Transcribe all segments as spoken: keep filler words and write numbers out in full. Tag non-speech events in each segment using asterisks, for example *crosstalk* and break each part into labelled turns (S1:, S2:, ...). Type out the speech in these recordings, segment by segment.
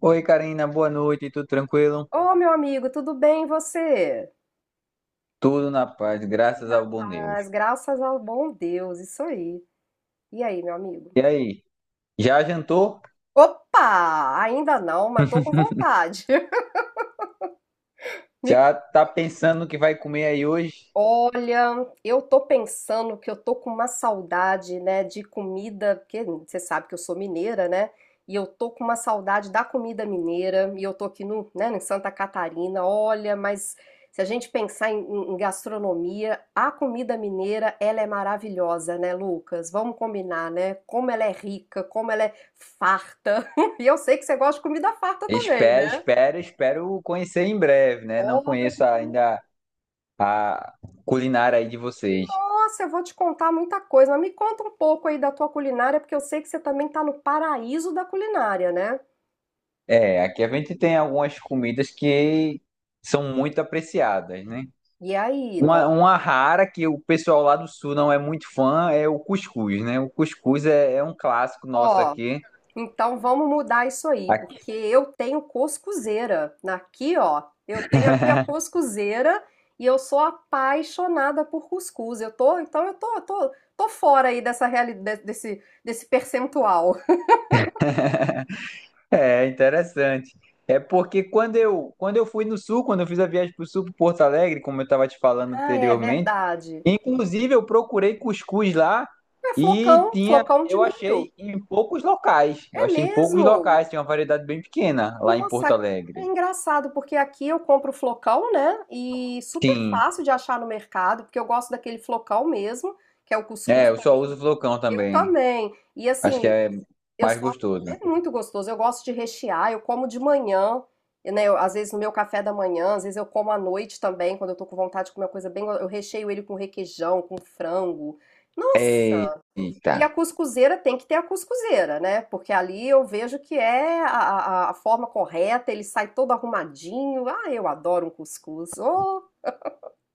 S1: Oi, Karina, boa noite, tudo tranquilo?
S2: Ô, meu amigo, tudo bem e você?
S1: Tudo na paz, graças ao bom Deus.
S2: As graças ao bom Deus, isso aí. E aí, meu amigo?
S1: E aí, já jantou?
S2: Opa! Ainda não, mas tô com vontade. *laughs* Me
S1: Já tá pensando no que vai comer aí hoje?
S2: Olha, eu tô pensando que eu tô com uma saudade, né, de comida, porque você sabe que eu sou mineira, né? E eu tô com uma saudade da comida mineira, e eu tô aqui no, né, em Santa Catarina. Olha, mas se a gente pensar em, em- em gastronomia, a comida mineira, ela é maravilhosa, né, Lucas? Vamos combinar, né? Como ela é rica, como ela é farta. *laughs* E eu sei que você gosta de comida farta também,
S1: Espero,
S2: né?
S1: espero, espero conhecer em breve, né? Não conheço ainda a culinária aí de vocês.
S2: Nossa, eu vou te contar muita coisa, mas me conta um pouco aí da tua culinária, porque eu sei que você também tá no paraíso da culinária, né?
S1: É, aqui a gente tem algumas comidas que são muito apreciadas, né?
S2: E aí, nó-
S1: Uma, uma rara que o pessoal lá do sul não é muito fã é o cuscuz, né? O cuscuz é é um clássico nosso
S2: Ó,
S1: aqui.
S2: então vamos mudar isso aí, porque eu tenho cuscuzeira. Aqui, ó, eu tenho a minha cuscuzeira e eu sou apaixonada por cuscuz. Eu tô, então eu tô, tô, tô fora aí dessa realidade, desse, desse percentual. *laughs*
S1: É interessante. É porque quando eu, quando eu fui no sul, quando eu fiz a viagem para o sul, para Porto Alegre, como eu estava te falando
S2: Ah, é
S1: anteriormente,
S2: verdade.
S1: inclusive eu procurei cuscuz lá
S2: É
S1: e
S2: flocão,
S1: tinha,
S2: flocão de
S1: eu
S2: milho.
S1: achei em poucos locais. Eu
S2: É
S1: achei em poucos
S2: mesmo?
S1: locais, tinha uma variedade bem pequena lá em
S2: Nossa,
S1: Porto
S2: é
S1: Alegre.
S2: engraçado, porque aqui eu compro flocão, né? E super
S1: Sim,
S2: fácil de achar no mercado, porque eu gosto daquele flocão mesmo, que é o
S1: é,
S2: cuscuz
S1: eu
S2: pra
S1: só
S2: mim.
S1: uso flocão
S2: Eu
S1: também.
S2: também. E
S1: Acho que
S2: assim,
S1: é
S2: eu
S1: mais
S2: só
S1: gostoso.
S2: é muito gostoso. Eu gosto de rechear, eu como de manhã, né? Eu- às vezes no meu café da manhã, às vezes eu como à noite também, quando eu tô com vontade de comer uma coisa bem, go- eu recheio ele com requeijão, com frango. Nossa,
S1: Eita,
S2: e a cuscuzeira tem que ter a cuscuzeira, né? Porque ali eu vejo que é a, a- a forma correta, ele sai todo arrumadinho. Ah, eu adoro um cuscuz. Oh,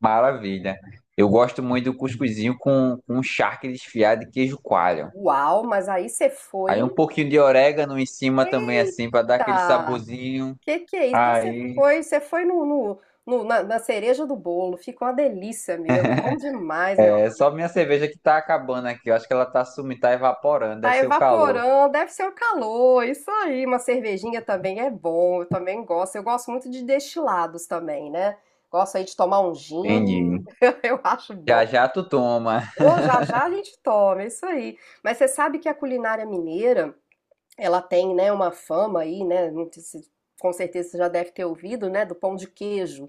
S1: maravilha. Eu gosto muito do cuscuzinho com, com charque desfiado e queijo coalho.
S2: uau, mas aí você
S1: Aí um
S2: foi.
S1: pouquinho de orégano em cima também, assim, pra dar aquele
S2: Eita,
S1: saborzinho.
S2: que que é isso? Então você
S1: Aí,
S2: foi, você foi no, no- no- na, na cereja do bolo. Ficou uma delícia mesmo. Bom demais, meu
S1: é só
S2: amigo.
S1: minha cerveja que tá acabando aqui. Eu acho que ela tá sumindo, tá evaporando, deve
S2: Tá
S1: ser o calor.
S2: evaporando, deve ser o calor, isso aí. Uma cervejinha também é bom, eu também gosto. Eu gosto muito de destilados também, né? Gosto aí de tomar um gin,
S1: Entendi.
S2: *laughs* eu acho bom.
S1: Já já tu toma. *laughs*
S2: Ô, já já a gente toma, é isso aí. Mas você sabe que a culinária mineira, ela tem, né, uma fama aí, né? não sei se- Com certeza você já deve ter ouvido, né, do pão de queijo.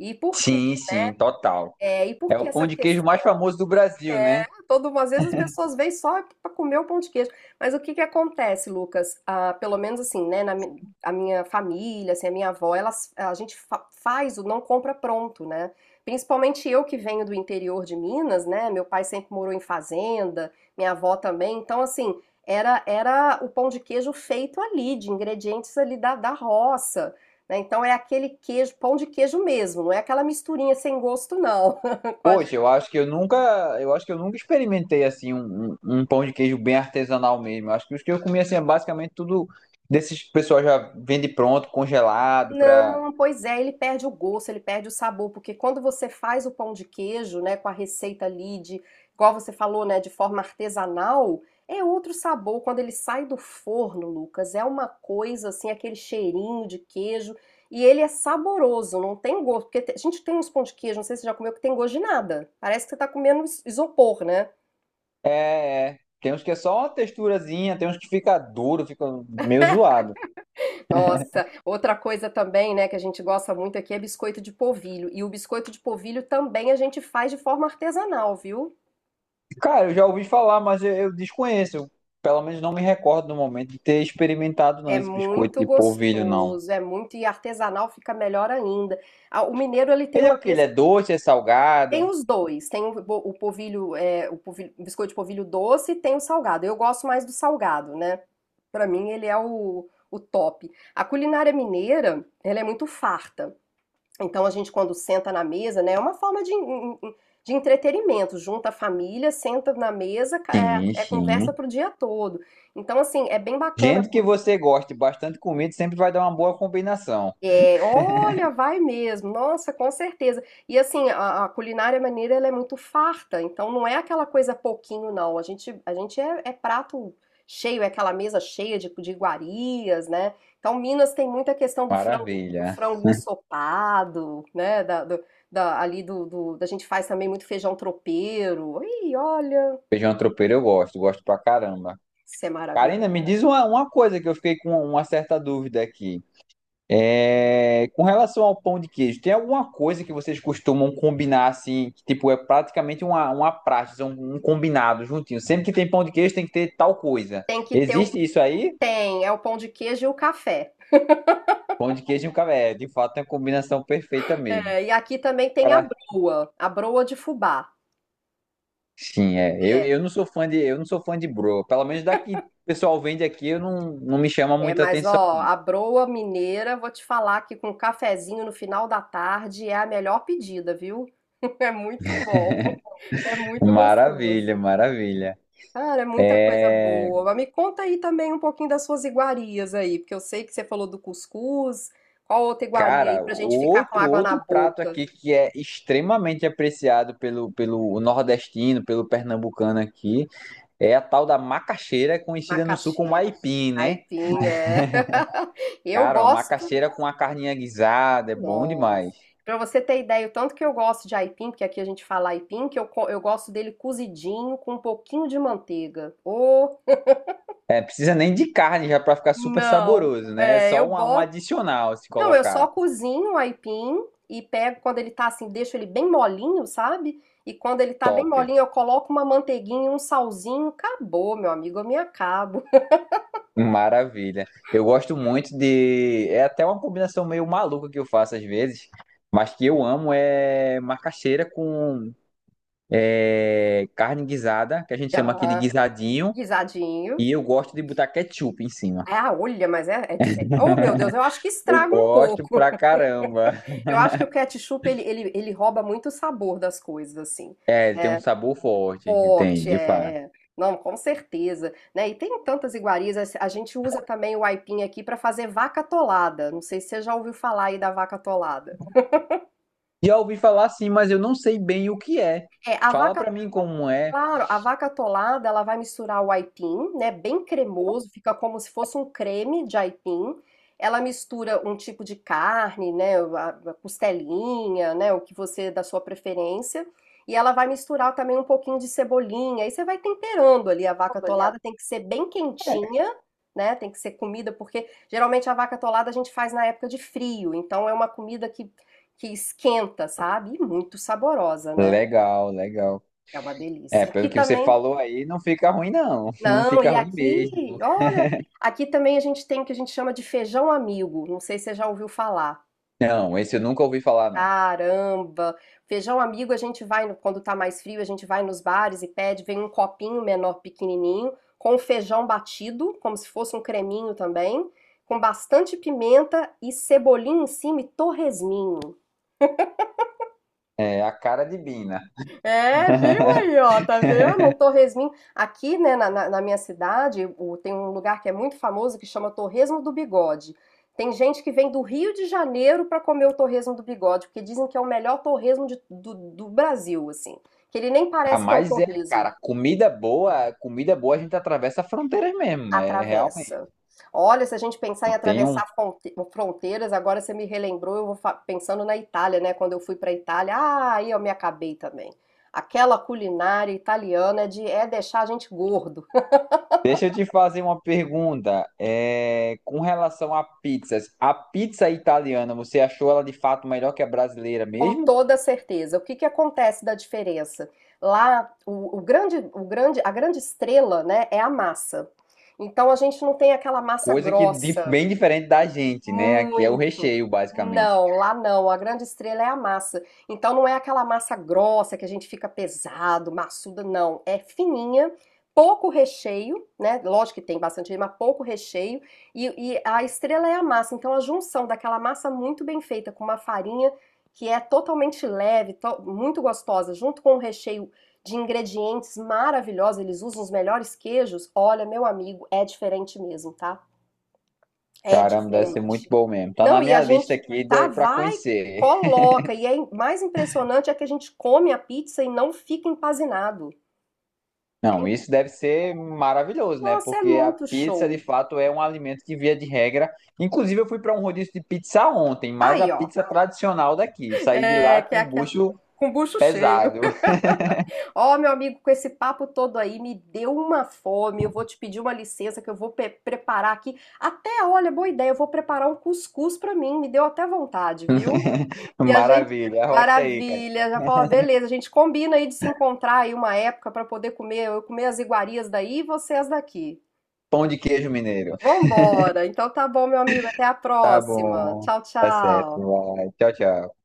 S2: E por quê?
S1: Sim, sim, total.
S2: É, e por
S1: É o
S2: que
S1: pão
S2: essa
S1: de queijo mais
S2: questão?
S1: famoso do Brasil, né?
S2: Todo, às vezes as pessoas vêm só para comer o pão de queijo. Mas o que que acontece, Lucas? Ah, pelo menos assim, né? Na mi- a minha família, assim, a minha avó, elas, a gente fa- faz o não compra pronto, né? Principalmente eu que venho do interior de Minas, né? Meu pai sempre morou em fazenda, minha avó também. Então, assim, era, era o pão de queijo feito ali, de ingredientes ali da, da roça. Né? Então é aquele queijo, pão de queijo mesmo, não é aquela misturinha sem gosto, não, *laughs* com a
S1: Poxa, eu acho que eu nunca, eu acho que eu nunca experimentei assim um, um, um pão de queijo bem artesanal mesmo. Eu acho que os que eu comi assim é basicamente tudo desses pessoal já vende pronto, congelado, para
S2: Não, pois é, ele perde o gosto, ele perde o sabor, porque quando você faz o pão de queijo, né, com a receita ali de, igual você falou, né, de forma artesanal, é outro sabor. Quando ele sai do forno, Lucas, é uma coisa assim, aquele cheirinho de queijo, e ele é saboroso, não tem gosto, porque te- a gente tem uns pão de queijo, não sei se você já comeu, que tem gosto de nada. Parece que você tá comendo is- isopor, né?
S1: é, é. Tem uns que é só uma texturazinha, tem uns que fica duro, fica meio zoado.
S2: Nossa, outra coisa também, né, que a gente gosta muito aqui é biscoito de polvilho. E o biscoito de polvilho também a gente faz de forma artesanal, viu?
S1: Cara, eu já ouvi falar, mas eu, eu desconheço. Eu, pelo menos não me recordo no momento de ter experimentado não
S2: É
S1: esse biscoito
S2: muito
S1: de polvilho, não.
S2: gostoso, é muito, e artesanal fica melhor ainda. Ah, o mineiro, ele tem
S1: Ele é
S2: uma
S1: o que Ele é
S2: mesa,
S1: doce, é
S2: tem
S1: salgado?
S2: os dois, tem o, bo- o polvilho, é, o polvilho- o biscoito de polvilho doce e tem o salgado. Eu gosto mais do salgado, né? Pra mim, ele é o, o top. A culinária mineira, ela é muito farta. Então a gente quando senta na mesa, né, é uma forma de, de entretenimento, junta a família, senta na mesa,
S1: Sim,
S2: é, é conversa
S1: sim.
S2: pro dia todo. Então assim, é bem bacana.
S1: Gente que você goste bastante comida sempre vai dar uma boa combinação.
S2: É, olha, vai mesmo. Nossa, com certeza. E assim, a, a culinária maneira ela é muito farta, então não é aquela coisa pouquinho, não. A gente, a gente é, é prato cheio, é aquela mesa cheia de, de iguarias, né? Então, Minas tem muita questão do frango, do
S1: Maravilha.
S2: frango ensopado, né? Da, do- da- ali do, do- da gente faz também muito feijão tropeiro. Ih, olha,
S1: Feijão tropeiro eu gosto, gosto pra caramba.
S2: isso é
S1: Karina, me
S2: maravilhoso.
S1: diz uma, uma coisa que eu fiquei com uma certa dúvida aqui. É, com relação ao pão de queijo, tem alguma coisa que vocês costumam combinar assim, que, tipo, é praticamente uma, uma prática, um, um combinado juntinho. Sempre que tem pão de queijo tem que ter tal coisa.
S2: Tem que ter o
S1: Existe isso aí?
S2: tem, é o pão de queijo e o café.
S1: Pão de queijo e um café, é, de fato é uma combinação perfeita mesmo.
S2: É, e aqui também tem a
S1: Para
S2: broa, a broa de fubá.
S1: sim, é. Eu,
S2: É,
S1: eu não sou fã de eu não sou fã de bro, pelo menos daqui o pessoal vende aqui, eu não, não me chama
S2: é,
S1: muita
S2: mas
S1: atenção.
S2: ó, a broa mineira, vou te falar que com um cafezinho no final da tarde é a melhor pedida, viu? *laughs* É muito bom, é muito
S1: Maravilha,
S2: gostoso.
S1: maravilha.
S2: Cara, é muita coisa
S1: É,
S2: boa. Mas me conta aí também um pouquinho das suas iguarias aí, porque eu sei que você falou do cuscuz. Qual outra iguaria aí
S1: cara,
S2: pra gente ficar com
S1: outro
S2: água na
S1: outro prato
S2: boca,
S1: aqui que é extremamente apreciado pelo, pelo nordestino, pelo pernambucano aqui, é a tal da macaxeira, conhecida no sul como
S2: macaxeira?
S1: aipim, né?
S2: Aipim, é. *laughs* Eu
S1: Cara, ó,
S2: gosto
S1: macaxeira com a carninha guisada, é bom
S2: Nossa.
S1: demais.
S2: Pra você ter ideia, o tanto que eu gosto de aipim, porque aqui a gente fala aipim, que eu, co- eu gosto dele cozidinho com um pouquinho de manteiga. Ô,
S1: É, precisa nem de carne já para ficar super
S2: não.
S1: saboroso, né? É
S2: É, eu
S1: só um, um
S2: boto.
S1: adicional se
S2: Não, eu só
S1: colocar.
S2: cozinho o aipim e pego quando ele tá assim, deixo ele bem molinho, sabe? E quando ele tá bem
S1: Top.
S2: molinho, eu coloco uma manteiguinha, um salzinho. Acabou, meu amigo, eu me acabo. *laughs*
S1: Maravilha. Eu gosto muito de. É até uma combinação meio maluca que eu faço às vezes. Mas que eu amo é macaxeira com é, carne guisada, que a gente chama aqui de
S2: Ah,
S1: guisadinho,
S2: guisadinho.
S1: e eu gosto de botar ketchup em cima.
S2: Ah, olha, mas é, é diferente. Oh, meu Deus, eu acho que
S1: Eu
S2: estraga um
S1: gosto
S2: pouco.
S1: pra caramba.
S2: Eu acho que o ketchup ele, ele, ele rouba muito o sabor das coisas, assim,
S1: É, ele tem um
S2: né?
S1: sabor forte, tem,
S2: Forte, é.
S1: de fato.
S2: É. Não, com certeza, né? E tem tantas iguarias. A a gente usa também o aipim aqui para fazer vaca atolada. Não sei se você já ouviu falar aí da vaca atolada.
S1: Já ouvi falar sim, mas eu não sei bem o que é.
S2: É, a
S1: Fala
S2: vaca
S1: pra mim como é.
S2: Claro, a vaca atolada, ela vai misturar o aipim, né, bem cremoso, fica como se fosse um creme de aipim. Ela mistura um tipo de carne, né, a a costelinha, né, o que você da sua preferência, e ela vai misturar também um pouquinho de cebolinha. Aí você vai temperando ali a vaca atolada, tem que ser bem quentinha, né, tem que ser comida porque geralmente a vaca atolada a gente faz na época de frio, então é uma comida que que esquenta, sabe? E muito saborosa, né?
S1: Legal, legal.
S2: É uma
S1: É,
S2: delícia.
S1: pelo
S2: Aqui
S1: que você
S2: também
S1: falou aí, não fica ruim, não. *laughs* Não
S2: não,
S1: fica
S2: e
S1: ruim
S2: aqui,
S1: mesmo.
S2: olha, aqui também a gente tem o que a gente chama de feijão amigo. Não sei se você já ouviu falar.
S1: Não, esse eu nunca ouvi falar, não.
S2: Caramba! Feijão amigo, a gente vai, no- quando tá mais frio, a gente vai nos bares e pede, vem um copinho menor, pequenininho, com feijão batido, como se fosse um creminho também, com bastante pimenta e cebolinha em cima e torresminho.
S1: É a cara de Bina.
S2: É, viu aí, ó, tá vendo? Um torresminho. Aqui, né, na, na- na minha cidade, o- tem um lugar que é muito famoso que chama Torresmo do Bigode. Tem gente que vem do Rio de Janeiro pra comer o torresmo do bigode, porque dizem que é o melhor torresmo de- do, do Brasil, assim. Que ele nem
S1: Ah,
S2: parece que é um
S1: mas *laughs* é,
S2: torresmo.
S1: cara, comida boa, comida boa a gente atravessa fronteiras mesmo. É realmente.
S2: Atravessa. Olha, se a gente pensar
S1: E
S2: em
S1: tem um.
S2: atravessar fronte- fronteiras, agora você me relembrou, eu vou fa- pensando na Itália, né? Quando eu fui para Itália, ah, aí eu me acabei também. Aquela culinária italiana de é deixar a gente gordo, *laughs*
S1: Deixa eu te fazer uma pergunta. É, com relação a pizzas, a pizza italiana, você achou ela de fato melhor que a brasileira
S2: com
S1: mesmo?
S2: toda certeza. O que que acontece da diferença? Lá, o, o grande, o grande, a grande estrela, né, é a massa. Então a gente não tem aquela massa
S1: Coisa que di-
S2: grossa.
S1: bem diferente da gente, né? Aqui é o
S2: Muito.
S1: recheio, basicamente.
S2: Não, lá não. A grande estrela é a massa. Então não é aquela massa grossa que a gente fica pesado, maçuda, não. É fininha, pouco recheio, né? Lógico que tem bastante, recheio, mas pouco recheio. E, e a estrela é a massa. Então a junção daquela massa muito bem feita com uma farinha que é totalmente leve, to- muito gostosa, junto com um recheio de ingredientes maravilhosos. Eles usam os melhores queijos. Olha, meu amigo, é diferente mesmo, tá? É
S1: Caramba, deve ser muito
S2: diferente.
S1: bom mesmo. Tá na
S2: Não, e a
S1: minha lista
S2: gente
S1: aqui
S2: tá,
S1: de, pra
S2: vai,
S1: conhecer.
S2: coloca. E é im- mais impressionante é que a gente come a pizza e não fica empanzinado. É,
S1: Não,
S2: in-
S1: isso deve ser maravilhoso, né?
S2: nossa, é
S1: Porque a
S2: muito
S1: pizza, de
S2: show.
S1: fato, é um alimento que, via de regra. Inclusive, eu fui para um rodízio de pizza ontem, mas a
S2: Aí, ó.
S1: pizza tradicional daqui. Saí de lá
S2: É, que é
S1: com o
S2: aqui,
S1: bucho
S2: com bucho cheio.
S1: pesado.
S2: *laughs* Ó, meu amigo, com esse papo todo aí, me deu uma fome. Eu vou te pedir uma licença que eu vou pe- preparar aqui. Até, olha, boa ideia, eu vou preparar um cuscuz pra mim. Me deu até vontade, viu? E a gente,
S1: Maravilha, arrocha aí, cara.
S2: maravilha, já falou, "Ah, beleza, a gente combina aí de se encontrar aí uma época para poder comer, eu comer as iguarias daí e vocês daqui.
S1: Pão de queijo mineiro.
S2: Vambora. Então tá bom, meu amigo, até a
S1: Tá
S2: próxima.
S1: bom,
S2: Tchau,
S1: tá certo,
S2: tchau.
S1: vai. Tchau, tchau.